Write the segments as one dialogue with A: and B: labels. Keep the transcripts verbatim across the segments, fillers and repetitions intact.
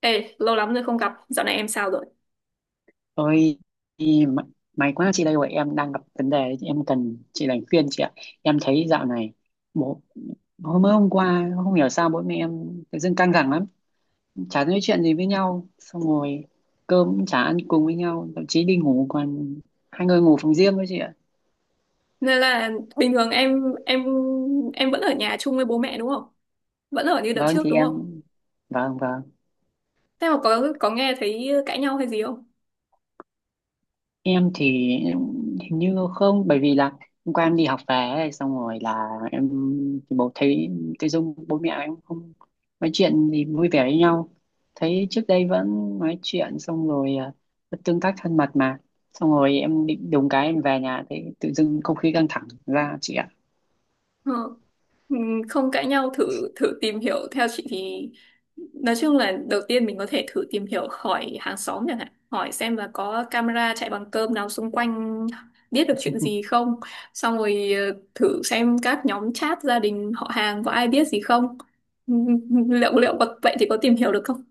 A: Ê, lâu lắm rồi không gặp, dạo này em sao rồi?
B: Ôi, y- may may quá chị đây rồi, em đang gặp vấn đề, em cần chị đánh khuyên chị ạ. Em thấy dạo này bố hôm mới hôm qua không hiểu sao bố mẹ em tự dưng căng thẳng lắm, chả nói chuyện gì với nhau, xong rồi cơm cũng chả ăn cùng với nhau, thậm chí đi ngủ còn hai người ngủ phòng riêng với chị ạ.
A: Nên là bình thường em em em vẫn ở nhà chung với bố mẹ đúng không? Vẫn ở như đợt
B: Vâng
A: trước
B: thì
A: đúng không?
B: em vâng vâng.
A: Thế mà có có nghe thấy cãi nhau hay gì không?
B: Em thì hình như không, bởi vì là hôm qua em đi học về ấy, xong rồi là em thì bố thấy tự dưng bố mẹ em không nói chuyện gì vui vẻ với nhau, thấy trước đây vẫn nói chuyện xong rồi à, vẫn tương tác thân mật mà, xong rồi em định đùng cái em về nhà thấy tự dưng không khí căng thẳng ra chị ạ.
A: Ờ, ừ, không cãi nhau, thử thử tìm hiểu theo chị thì nói chung là đầu tiên mình có thể thử tìm hiểu hỏi hàng xóm chẳng hạn, hỏi xem là có camera chạy bằng cơm nào xung quanh biết được chuyện gì không, xong rồi ờ, thử xem các nhóm chat gia đình họ hàng có ai biết gì không. Ừ, liệu liệu có, vậy thì có tìm hiểu được không?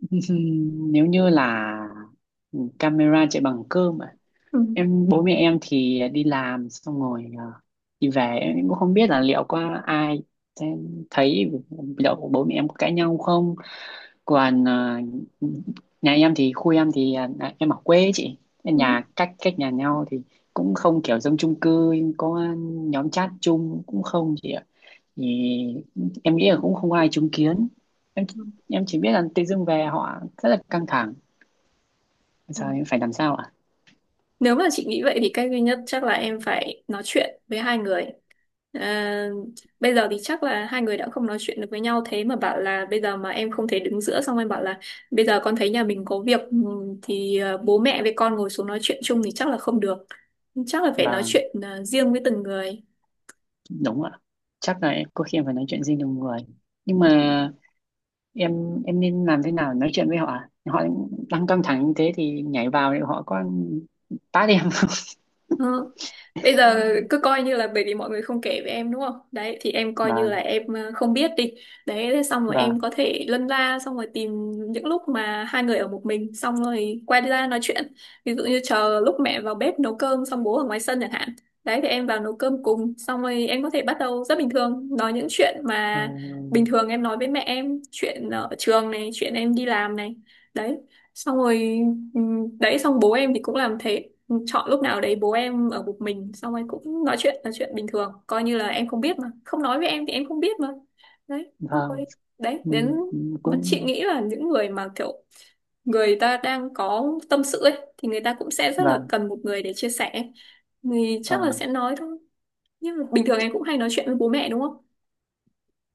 B: Nếu như là ừ, camera chạy bằng cơm à?
A: Ừ,
B: Em bố mẹ em thì đi làm xong rồi ờ, đi về em cũng không biết là liệu có ai sẽ thấy liệu bố mẹ em có cãi nhau không. Còn ờ, nhà em thì khu em thì à, em ở quê ấy chị.
A: ừ,
B: Nhà cách cách nhà nhau thì cũng không kiểu giống chung cư, có nhóm chat chung cũng không chị ạ. Thì em nghĩ là cũng không ai chứng kiến.
A: ừ.
B: Em chỉ biết là tự dưng về họ rất là căng thẳng, giờ
A: Ừ.
B: em phải làm sao ạ?
A: Nếu mà chị nghĩ vậy thì cách duy nhất chắc là em phải nói chuyện với hai người. À, bây giờ thì chắc là hai người đã không nói chuyện được với nhau, thế mà bảo là bây giờ mà em không thể đứng giữa xong em bảo là bây giờ con thấy nhà mình có việc, ừm, thì ờ, bố mẹ với con ngồi xuống nói chuyện chung thì chắc là không được, chắc là phải
B: Và
A: nói chuyện ờ, riêng với từng người.
B: đúng ạ, chắc là em- có khi em phải nói chuyện riêng nhiều người, nhưng mà em em nên làm thế nào để nói chuyện với họ ạ? Họ đang căng thẳng như thế thì nhảy vào thì họ có tát em không?
A: Ờ. Bây giờ cứ coi như là bởi vì mọi người không kể với em đúng không? Đấy thì em coi như là
B: Vâng.
A: em ờ, không biết đi. Đấy thế xong rồi em
B: Vâng.
A: có thể lân la xong rồi tìm những lúc mà hai người ở một mình xong rồi quay ra nói chuyện. Ví dụ như chờ lúc mẹ vào bếp nấu cơm xong bố ở ngoài sân chẳng hạn. Đấy thì em vào nấu cơm cùng xong rồi em có thể bắt đầu rất bình thường nói những chuyện
B: Ờ,
A: mà bình thường em nói với mẹ, em chuyện ở trường này, chuyện em đi làm này. Đấy. Xong rồi. Ừ. Đấy xong bố em thì cũng làm thế. Ừ, chọn lúc nào đấy bố em ở một mình xong rồi cũng nói chuyện nói chuyện bình thường, coi như là em không biết mà không nói với em thì em không biết, mà đấy xong rồi
B: vâng.
A: đấy,
B: Ừ,
A: đến
B: ừ,
A: mà chị
B: cũng
A: nghĩ là những người mà kiểu người ta đang có tâm sự ấy thì người ta cũng sẽ rất là
B: vâng.
A: cần một người để chia sẻ, thì chắc là sẽ
B: Vâng.
A: nói thôi. Nhưng mà bình thường em cũng hay nói chuyện với bố mẹ đúng không?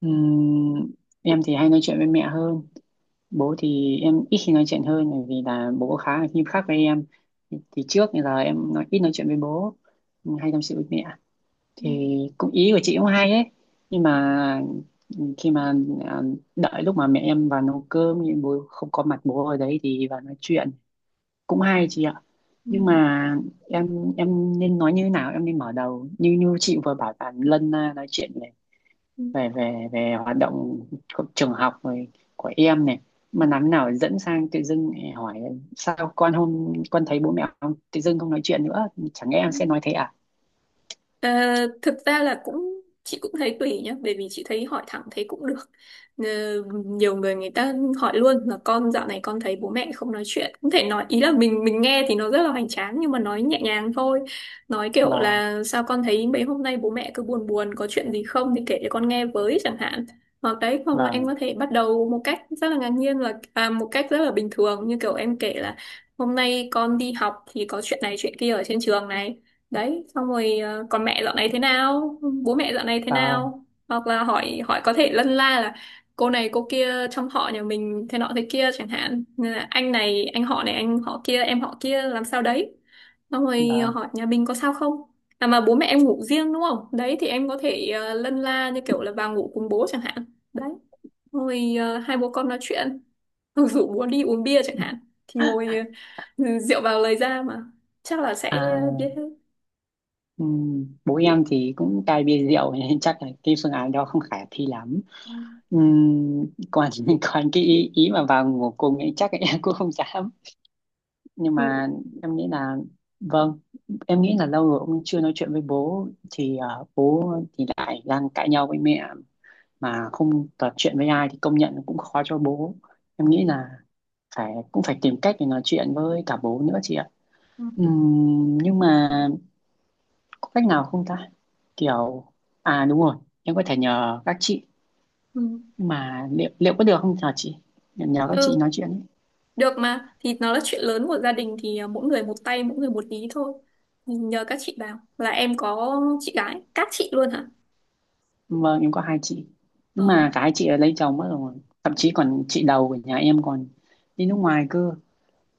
B: Ừm, em thì hay nói chuyện với mẹ hơn, bố thì em ít khi nói chuyện hơn, bởi vì là bố khá là nghiêm khắc với em, thì trước thì là em nói ít nói chuyện với bố, hay tâm sự với mẹ.
A: Ừ,
B: Thì cũng ý của chị cũng hay ấy, nhưng mà khi mà à, đợi lúc mà mẹ em vào nấu cơm nhưng bố không có mặt bố ở đấy thì vào nói chuyện cũng hay chị ạ.
A: ừ,
B: Nhưng mà em em nên nói như thế nào, em nên mở đầu như như chị vừa bảo là lân à, nói chuyện về về về hoạt động của trường học rồi của em này, mà làm thế nào dẫn sang tự dưng lại hỏi sao con hôm con thấy bố mẹ không tự dưng không nói chuyện nữa? Chẳng lẽ em
A: ừ.
B: sẽ nói thế à?
A: Ờ, thực ra là cũng chị cũng thấy tùy nhá, bởi vì chị thấy hỏi thẳng thấy cũng được. Ờ, nhiều người người ta hỏi luôn là con dạo này con thấy bố mẹ không nói chuyện, cũng thể nói, ý là mình mình nghe thì nó rất là hoành tráng nhưng mà nói nhẹ nhàng thôi, nói kiểu
B: Vâng.
A: là sao con thấy mấy hôm nay bố mẹ cứ buồn buồn có chuyện gì không thì kể cho con nghe với chẳng hạn, hoặc đấy, hoặc là em
B: Vâng.
A: có thể bắt đầu một cách rất là ngạc nhiên là, à, một cách rất là bình thường như kiểu em kể là hôm nay con đi học thì có chuyện này chuyện kia ở trên trường này, đấy xong rồi ờ, còn mẹ dạo này thế nào, bố mẹ dạo này thế
B: Vâng.
A: nào, hoặc là hỏi hỏi có thể lân la là cô này cô kia trong họ nhà mình thế nọ thế kia chẳng hạn. Nên là anh này anh họ này anh họ kia em họ kia làm sao đấy, xong rồi ờ,
B: Vâng.
A: hỏi nhà mình có sao không. À mà bố mẹ em ngủ riêng đúng không, đấy thì em có thể ờ, lân la như kiểu là vào ngủ cùng bố chẳng hạn. Đấy. Xong rồi ờ, hai bố con nói chuyện. Hoặc rủ bố đi uống bia chẳng hạn, thì ngồi, ờ, rượu vào lời ra mà, chắc là sẽ.
B: À, ừm, bố em thì cũng cai bia rượu nên chắc là cái phương án đó không khả thi lắm.
A: Ừ.
B: Ừm, còn còn cái ý, ý mà vào ngủ cùng ấy chắc là em cũng không dám. Nhưng
A: Ừ.
B: mà em nghĩ là, vâng, em nghĩ là lâu rồi ông chưa nói chuyện với bố thì ờ, bố thì lại đang cãi nhau với mẹ mà không trò chuyện với ai thì công nhận cũng khó cho bố. Em nghĩ là phải cũng phải tìm cách để nói chuyện với cả bố nữa chị ạ.
A: Ừ.
B: Ừm, nhưng mà có cách nào không ta, kiểu à đúng rồi, em có thể nhờ các chị,
A: Ừ.
B: nhưng mà liệu liệu có được không nhờ chị? Em nhờ các chị
A: Ừ,
B: nói chuyện.
A: được mà, thì nó là chuyện lớn của gia đình thì à, mỗi người một tay mỗi người một ý thôi. Thì nhờ các chị vào, là em có chị gái các chị luôn hả?
B: Vâng, em có hai chị.
A: Ờ.
B: Nhưng mà cái chị ấy lấy chồng mất rồi. Thậm chí còn chị đầu của nhà em còn đi nước ngoài cơ.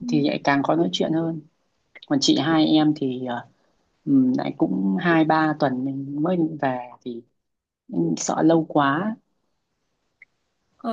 B: Thì lại càng khó nói chuyện hơn. Còn chị hai em thì ờ, ừm, lại cũng hai ba tuần mình mới định về. Thì em sợ lâu quá.
A: Ờ,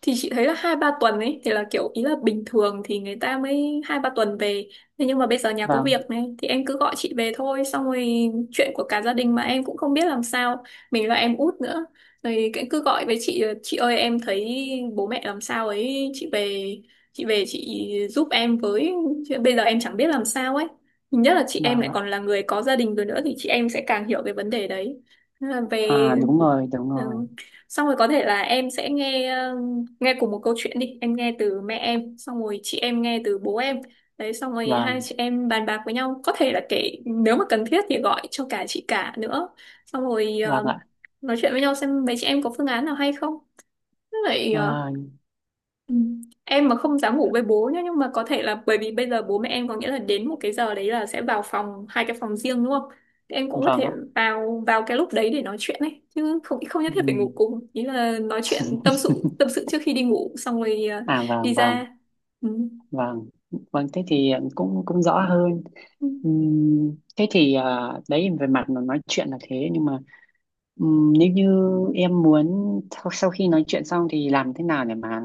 A: thì chị thấy là hai ba tuần ấy thì là kiểu ý là bình thường thì người ta mới hai ba tuần về, thế nhưng mà bây giờ nhà có
B: Vâng.
A: việc này thì em cứ gọi chị về thôi, xong rồi chuyện của cả gia đình mà em cũng không biết làm sao, mình là em út nữa, rồi cái- cứ gọi với chị là, chị ơi em thấy bố mẹ làm sao ấy, chị về, chị về chị giúp em với. Chứ bây giờ em chẳng biết làm sao ấy, nhất là chị em
B: Vâng
A: lại
B: ạ.
A: còn là người có gia đình rồi nữa thì chị em sẽ càng hiểu cái vấn đề đấy. Nên là về.
B: À, đúng rồi, đúng rồi.
A: Ừ. Xong rồi có thể là em sẽ nghe, ờ, nghe cùng một câu chuyện đi, em nghe từ mẹ em xong rồi chị em nghe từ bố em, đấy xong rồi hai
B: Vâng,
A: chị em bàn bạc với nhau, có thể là kể nếu mà cần thiết thì gọi cho cả chị cả nữa, xong rồi
B: vâng
A: ờ,
B: ạ.
A: nói chuyện với nhau xem mấy chị em có phương án nào hay không, với lại. ờ,
B: À,
A: Ừ. Em mà không dám ngủ với bố nhá, nhưng mà có thể là bởi vì bây giờ bố mẹ em có nghĩa là đến một cái giờ đấy là sẽ vào phòng, hai cái phòng riêng đúng không? Thì em cũng có
B: vâng
A: thể
B: ạ.
A: vào vào cái lúc đấy để nói chuyện ấy, chứ không không nhất thiết phải ngủ
B: Ừm.
A: cùng, ý là nói chuyện tâm sự tâm sự trước khi đi ngủ xong rồi, à,
B: À
A: đi
B: vâng, vâng,
A: ra. Ừ.
B: vâng. Vâng, thế thì cũng cũng rõ hơn.
A: Ừ.
B: Ừm, Thế thì ờ, đấy về mặt mà nói chuyện là thế, nhưng mà ừm, nếu như em muốn sau, sau khi nói chuyện xong thì làm thế nào để mà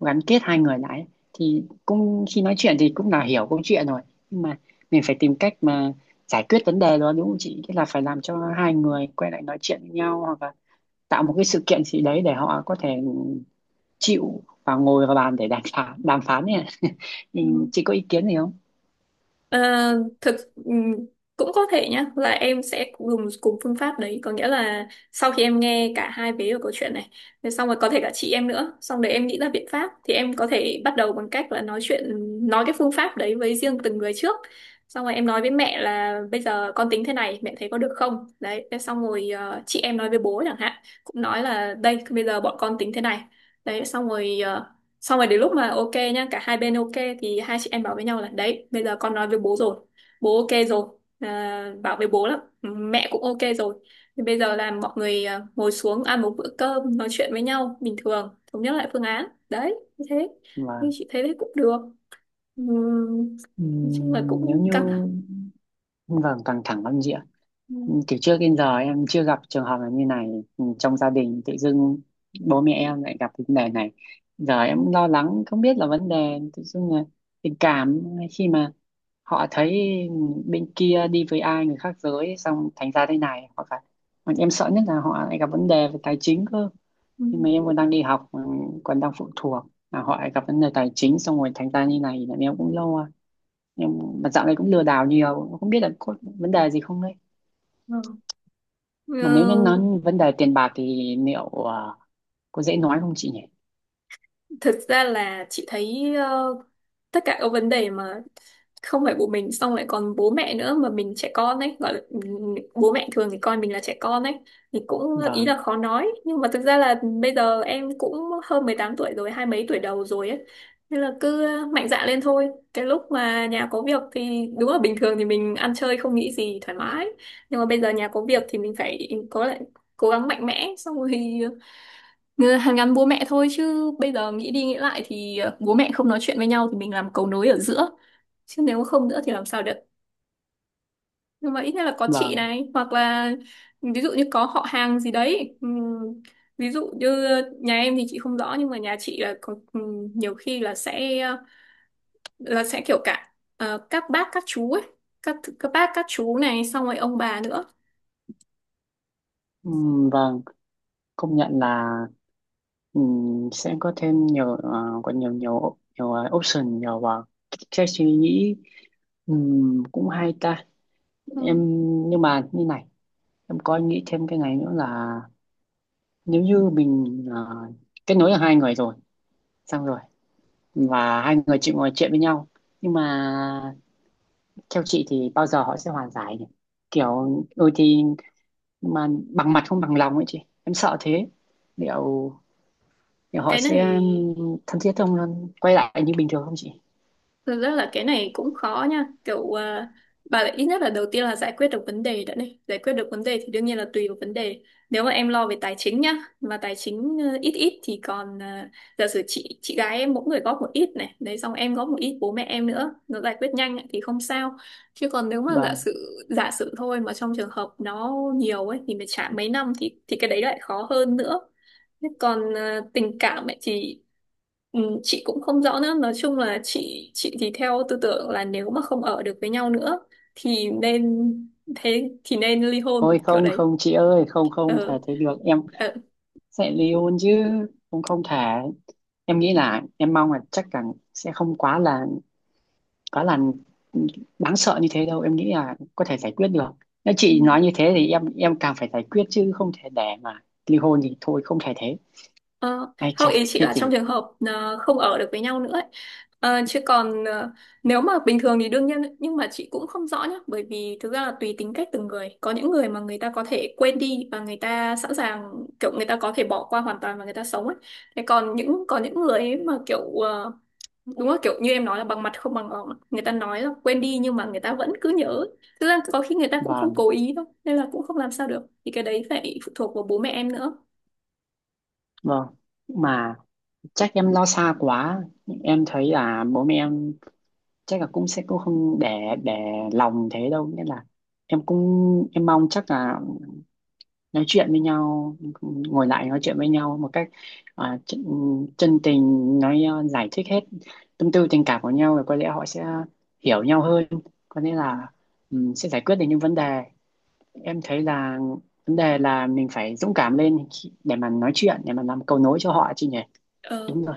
B: gắn kết hai người lại ấy? Thì cũng khi nói chuyện thì cũng là hiểu câu chuyện rồi, nhưng mà mình phải tìm cách mà giải quyết vấn đề đó đúng không chị? Tức là phải làm cho hai người quay lại nói chuyện với nhau, hoặc là tạo một cái sự kiện gì đấy để họ có thể chịu và ngồi vào bàn để đàm phán đàm phán nhỉ.
A: Ừ.
B: Chị có ý kiến gì không?
A: Ờ, thực, ừm, cũng có thể nhá là em sẽ dùng cùng phương pháp đấy, có nghĩa là sau khi em nghe cả hai vế của câu chuyện này, thì xong rồi có thể cả chị em nữa, xong để em nghĩ ra biện pháp thì em có thể bắt đầu bằng cách là nói chuyện, nói cái phương pháp đấy với riêng từng người trước, xong rồi em nói với mẹ là bây giờ con tính thế này mẹ thấy có được không, đấy thế xong rồi ờ, chị em nói với bố chẳng hạn, cũng nói là đây bây giờ bọn con tính thế này, đấy xong rồi ờ, xong rồi đến lúc mà ok nhá cả hai bên ok, thì hai chị em bảo với nhau là đấy bây giờ con nói với bố rồi, bố ok rồi, à, bảo với bố lắm, mẹ cũng ok rồi, thì bây giờ là mọi người, à, ngồi xuống ăn một bữa cơm nói chuyện với nhau bình thường, thống nhất lại phương án đấy như thế, nhưng
B: Vâng.
A: chị thấy đấy cũng được. Ừm, nói chung là
B: Ừm, nếu
A: cũng
B: như
A: căng thẳng.
B: vâng, căng thẳng lắm. Ừ,
A: Ừm,
B: từ trước đến giờ em chưa gặp trường hợp là như này. Ừ, trong gia đình tự dưng bố mẹ em lại gặp cái vấn đề này, giờ em lo lắng không biết là vấn đề tự dưng là tình cảm, khi mà họ thấy bên kia đi với ai người khác giới xong thành ra thế này, hoặc là còn em sợ nhất là họ lại gặp vấn đề về tài chính cơ, nhưng
A: ừm,
B: mà em còn đang đi học, ừ, còn đang phụ thuộc, là họ lại gặp vấn đề tài chính xong rồi thành ra như này là em cũng lo. Em mà dạo này cũng lừa đảo nhiều, không biết là có vấn đề gì không,
A: ờ.
B: mà nếu như nói
A: Ừ,
B: vấn đề tiền bạc thì liệu ờ, có dễ nói không chị nhỉ?
A: thực ra là chị thấy, ờ, tất cả các vấn đề mà không phải của mình, xong lại còn bố mẹ nữa mà mình trẻ con ấy, gọi là, ừm, bố mẹ thường thì coi mình là trẻ con ấy, thì cũng ý
B: Vâng.
A: là khó nói, nhưng mà thực ra là bây giờ em cũng hơn mười tám tuổi rồi, hai mấy tuổi đầu rồi ấy, nên là cứ mạnh dạn lên thôi. Cái lúc mà nhà có việc thì đúng là bình thường thì mình ăn chơi không nghĩ gì thoải mái, nhưng mà bây giờ nhà có việc thì mình phải có lại, cố gắng mạnh mẽ xong rồi hàn gắn bố mẹ thôi, chứ bây giờ nghĩ đi nghĩ lại thì, ờ, bố mẹ không nói chuyện với nhau thì mình làm cầu nối ở giữa, chứ nếu không nữa thì làm sao được. Nhưng mà ít nhất là có chị
B: Vâng.
A: này, hoặc là ừ, ví dụ như có họ hàng gì đấy. Ừm, ví dụ như nhà em thì chị không rõ, nhưng mà nhà chị là có, ừm, nhiều khi là sẽ, ờ, là sẽ kiểu cả, ờ, các bác các chú ấy, các các bác các chú này xong rồi ông bà nữa.
B: Ừm, vâng, công nhận là ừm, sẽ có thêm nhiều ờ, có nhiều nhiều nhiều ờ, option, nhiều uh, cái suy nghĩ. Ừm, cũng hay ta. Em,
A: Ừm,
B: nhưng mà như này, em có nghĩ thêm cái này nữa là nếu như mình ờ, kết nối được hai người rồi, xong rồi và hai người chị ngồi chuyện với nhau, nhưng mà theo chị thì bao giờ họ sẽ hòa giải nhỉ? Kiểu đôi khi mà bằng mặt không bằng lòng ấy chị, em sợ thế. liệu, liệu họ
A: cái này.
B: sẽ thân thiết không, quay lại như bình thường không chị?
A: Thực ra là cái này cũng khó nha, kiểu, à, bà lại ít nhất là đầu tiên là giải quyết được vấn đề đã này, giải quyết được vấn đề thì đương nhiên là tùy vào vấn đề, nếu mà em lo về tài chính nhá, mà tài chính, ờ, ít ít thì còn, ờ, giả sử chị chị gái em mỗi người góp một ít này, đấy xong em góp một ít bố mẹ em nữa nó giải quyết nhanh ấy, thì không sao, chứ còn nếu mà giả
B: Vâng,
A: sử giả sử thôi, mà trong trường hợp nó nhiều ấy thì phải trả mấy năm thì thì cái đấy lại khó hơn nữa. Thế còn, ờ, tình cảm ấy thì, Ừ, chị cũng không rõ nữa, nói chung là chị chị thì theo tư tưởng là nếu mà không ở được với nhau nữa thì nên, thế thì nên ly hôn
B: thôi
A: kiểu
B: không,
A: đấy.
B: không chị ơi, không, không thể
A: Ừ.
B: thế được. Em sẽ ly hôn chứ? Không, không thể. Em nghĩ là, em mong là chắc là sẽ không quá là quá là đáng sợ như thế đâu. Em nghĩ là có thể giải quyết được. Nếu
A: Ừ.
B: chị nói như thế thì em em càng phải giải quyết, chứ không thể để mà ly hôn thì thôi, không thể thế.
A: Ờ,
B: Ai
A: không,
B: chà,
A: ý chị
B: thế
A: là trong
B: chị.
A: trường hợp, ờ, không ở được với nhau nữa ấy. Ờ, chứ còn, ờ, nếu mà bình thường thì đương nhiên ấy, nhưng mà chị cũng không rõ nhá, bởi vì thực ra là tùy tính cách từng người, có những người mà người ta có thể quên đi và người ta sẵn sàng, kiểu người ta có thể bỏ qua hoàn toàn và người ta sống ấy, thế còn những, có những người ấy mà kiểu, ờ, đúng rồi, kiểu như em nói là bằng mặt không bằng lòng, người ta nói là quên đi nhưng mà người ta vẫn cứ nhớ, thực ra có khi người ta cũng không
B: Vâng.
A: cố ý đâu, nên là cũng không làm sao được, thì cái đấy phải phụ thuộc vào bố mẹ em nữa.
B: Vâng, mà chắc em lo xa quá. Em thấy là bố mẹ em chắc là cũng sẽ cũng không để để lòng thế đâu, nên là em cũng em mong chắc là nói chuyện với nhau, ngồi lại nói chuyện với nhau một cách à, chân, chân tình, nói à, giải thích hết tâm tư tình cảm của nhau rồi có lẽ họ sẽ hiểu nhau hơn, có lẽ là ừm, sẽ giải quyết được những vấn đề. Em thấy là vấn đề là mình phải dũng cảm lên khi- để mà nói chuyện, để mà làm cầu nối cho họ chứ nhỉ?
A: Ờ,
B: Đúng rồi.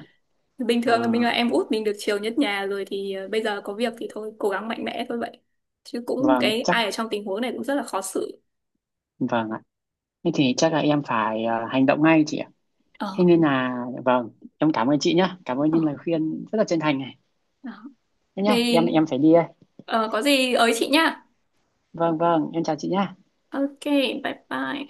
A: bình
B: À,
A: thường là mình là em út mình được chiều nhất nhà rồi thì, ờ, bây giờ có việc thì thôi cố gắng mạnh mẽ thôi vậy, chứ cũng
B: vâng
A: cái
B: chắc,
A: ai ở trong tình huống này cũng rất là khó xử.
B: vâng ạ, thế thì chắc là em phải à, hành động ngay chị ạ. Thế
A: Ờ,
B: nên là vâng, em cảm ơn chị nhé, cảm ơn
A: ờ,
B: những lời khuyên rất là chân thành này.
A: đó.
B: Thế nhá,
A: Thì,
B: em em phải đi.
A: ờ, có gì ới chị nha.
B: Vâng, vâng, em chào chị nha.
A: Ok, bye bye.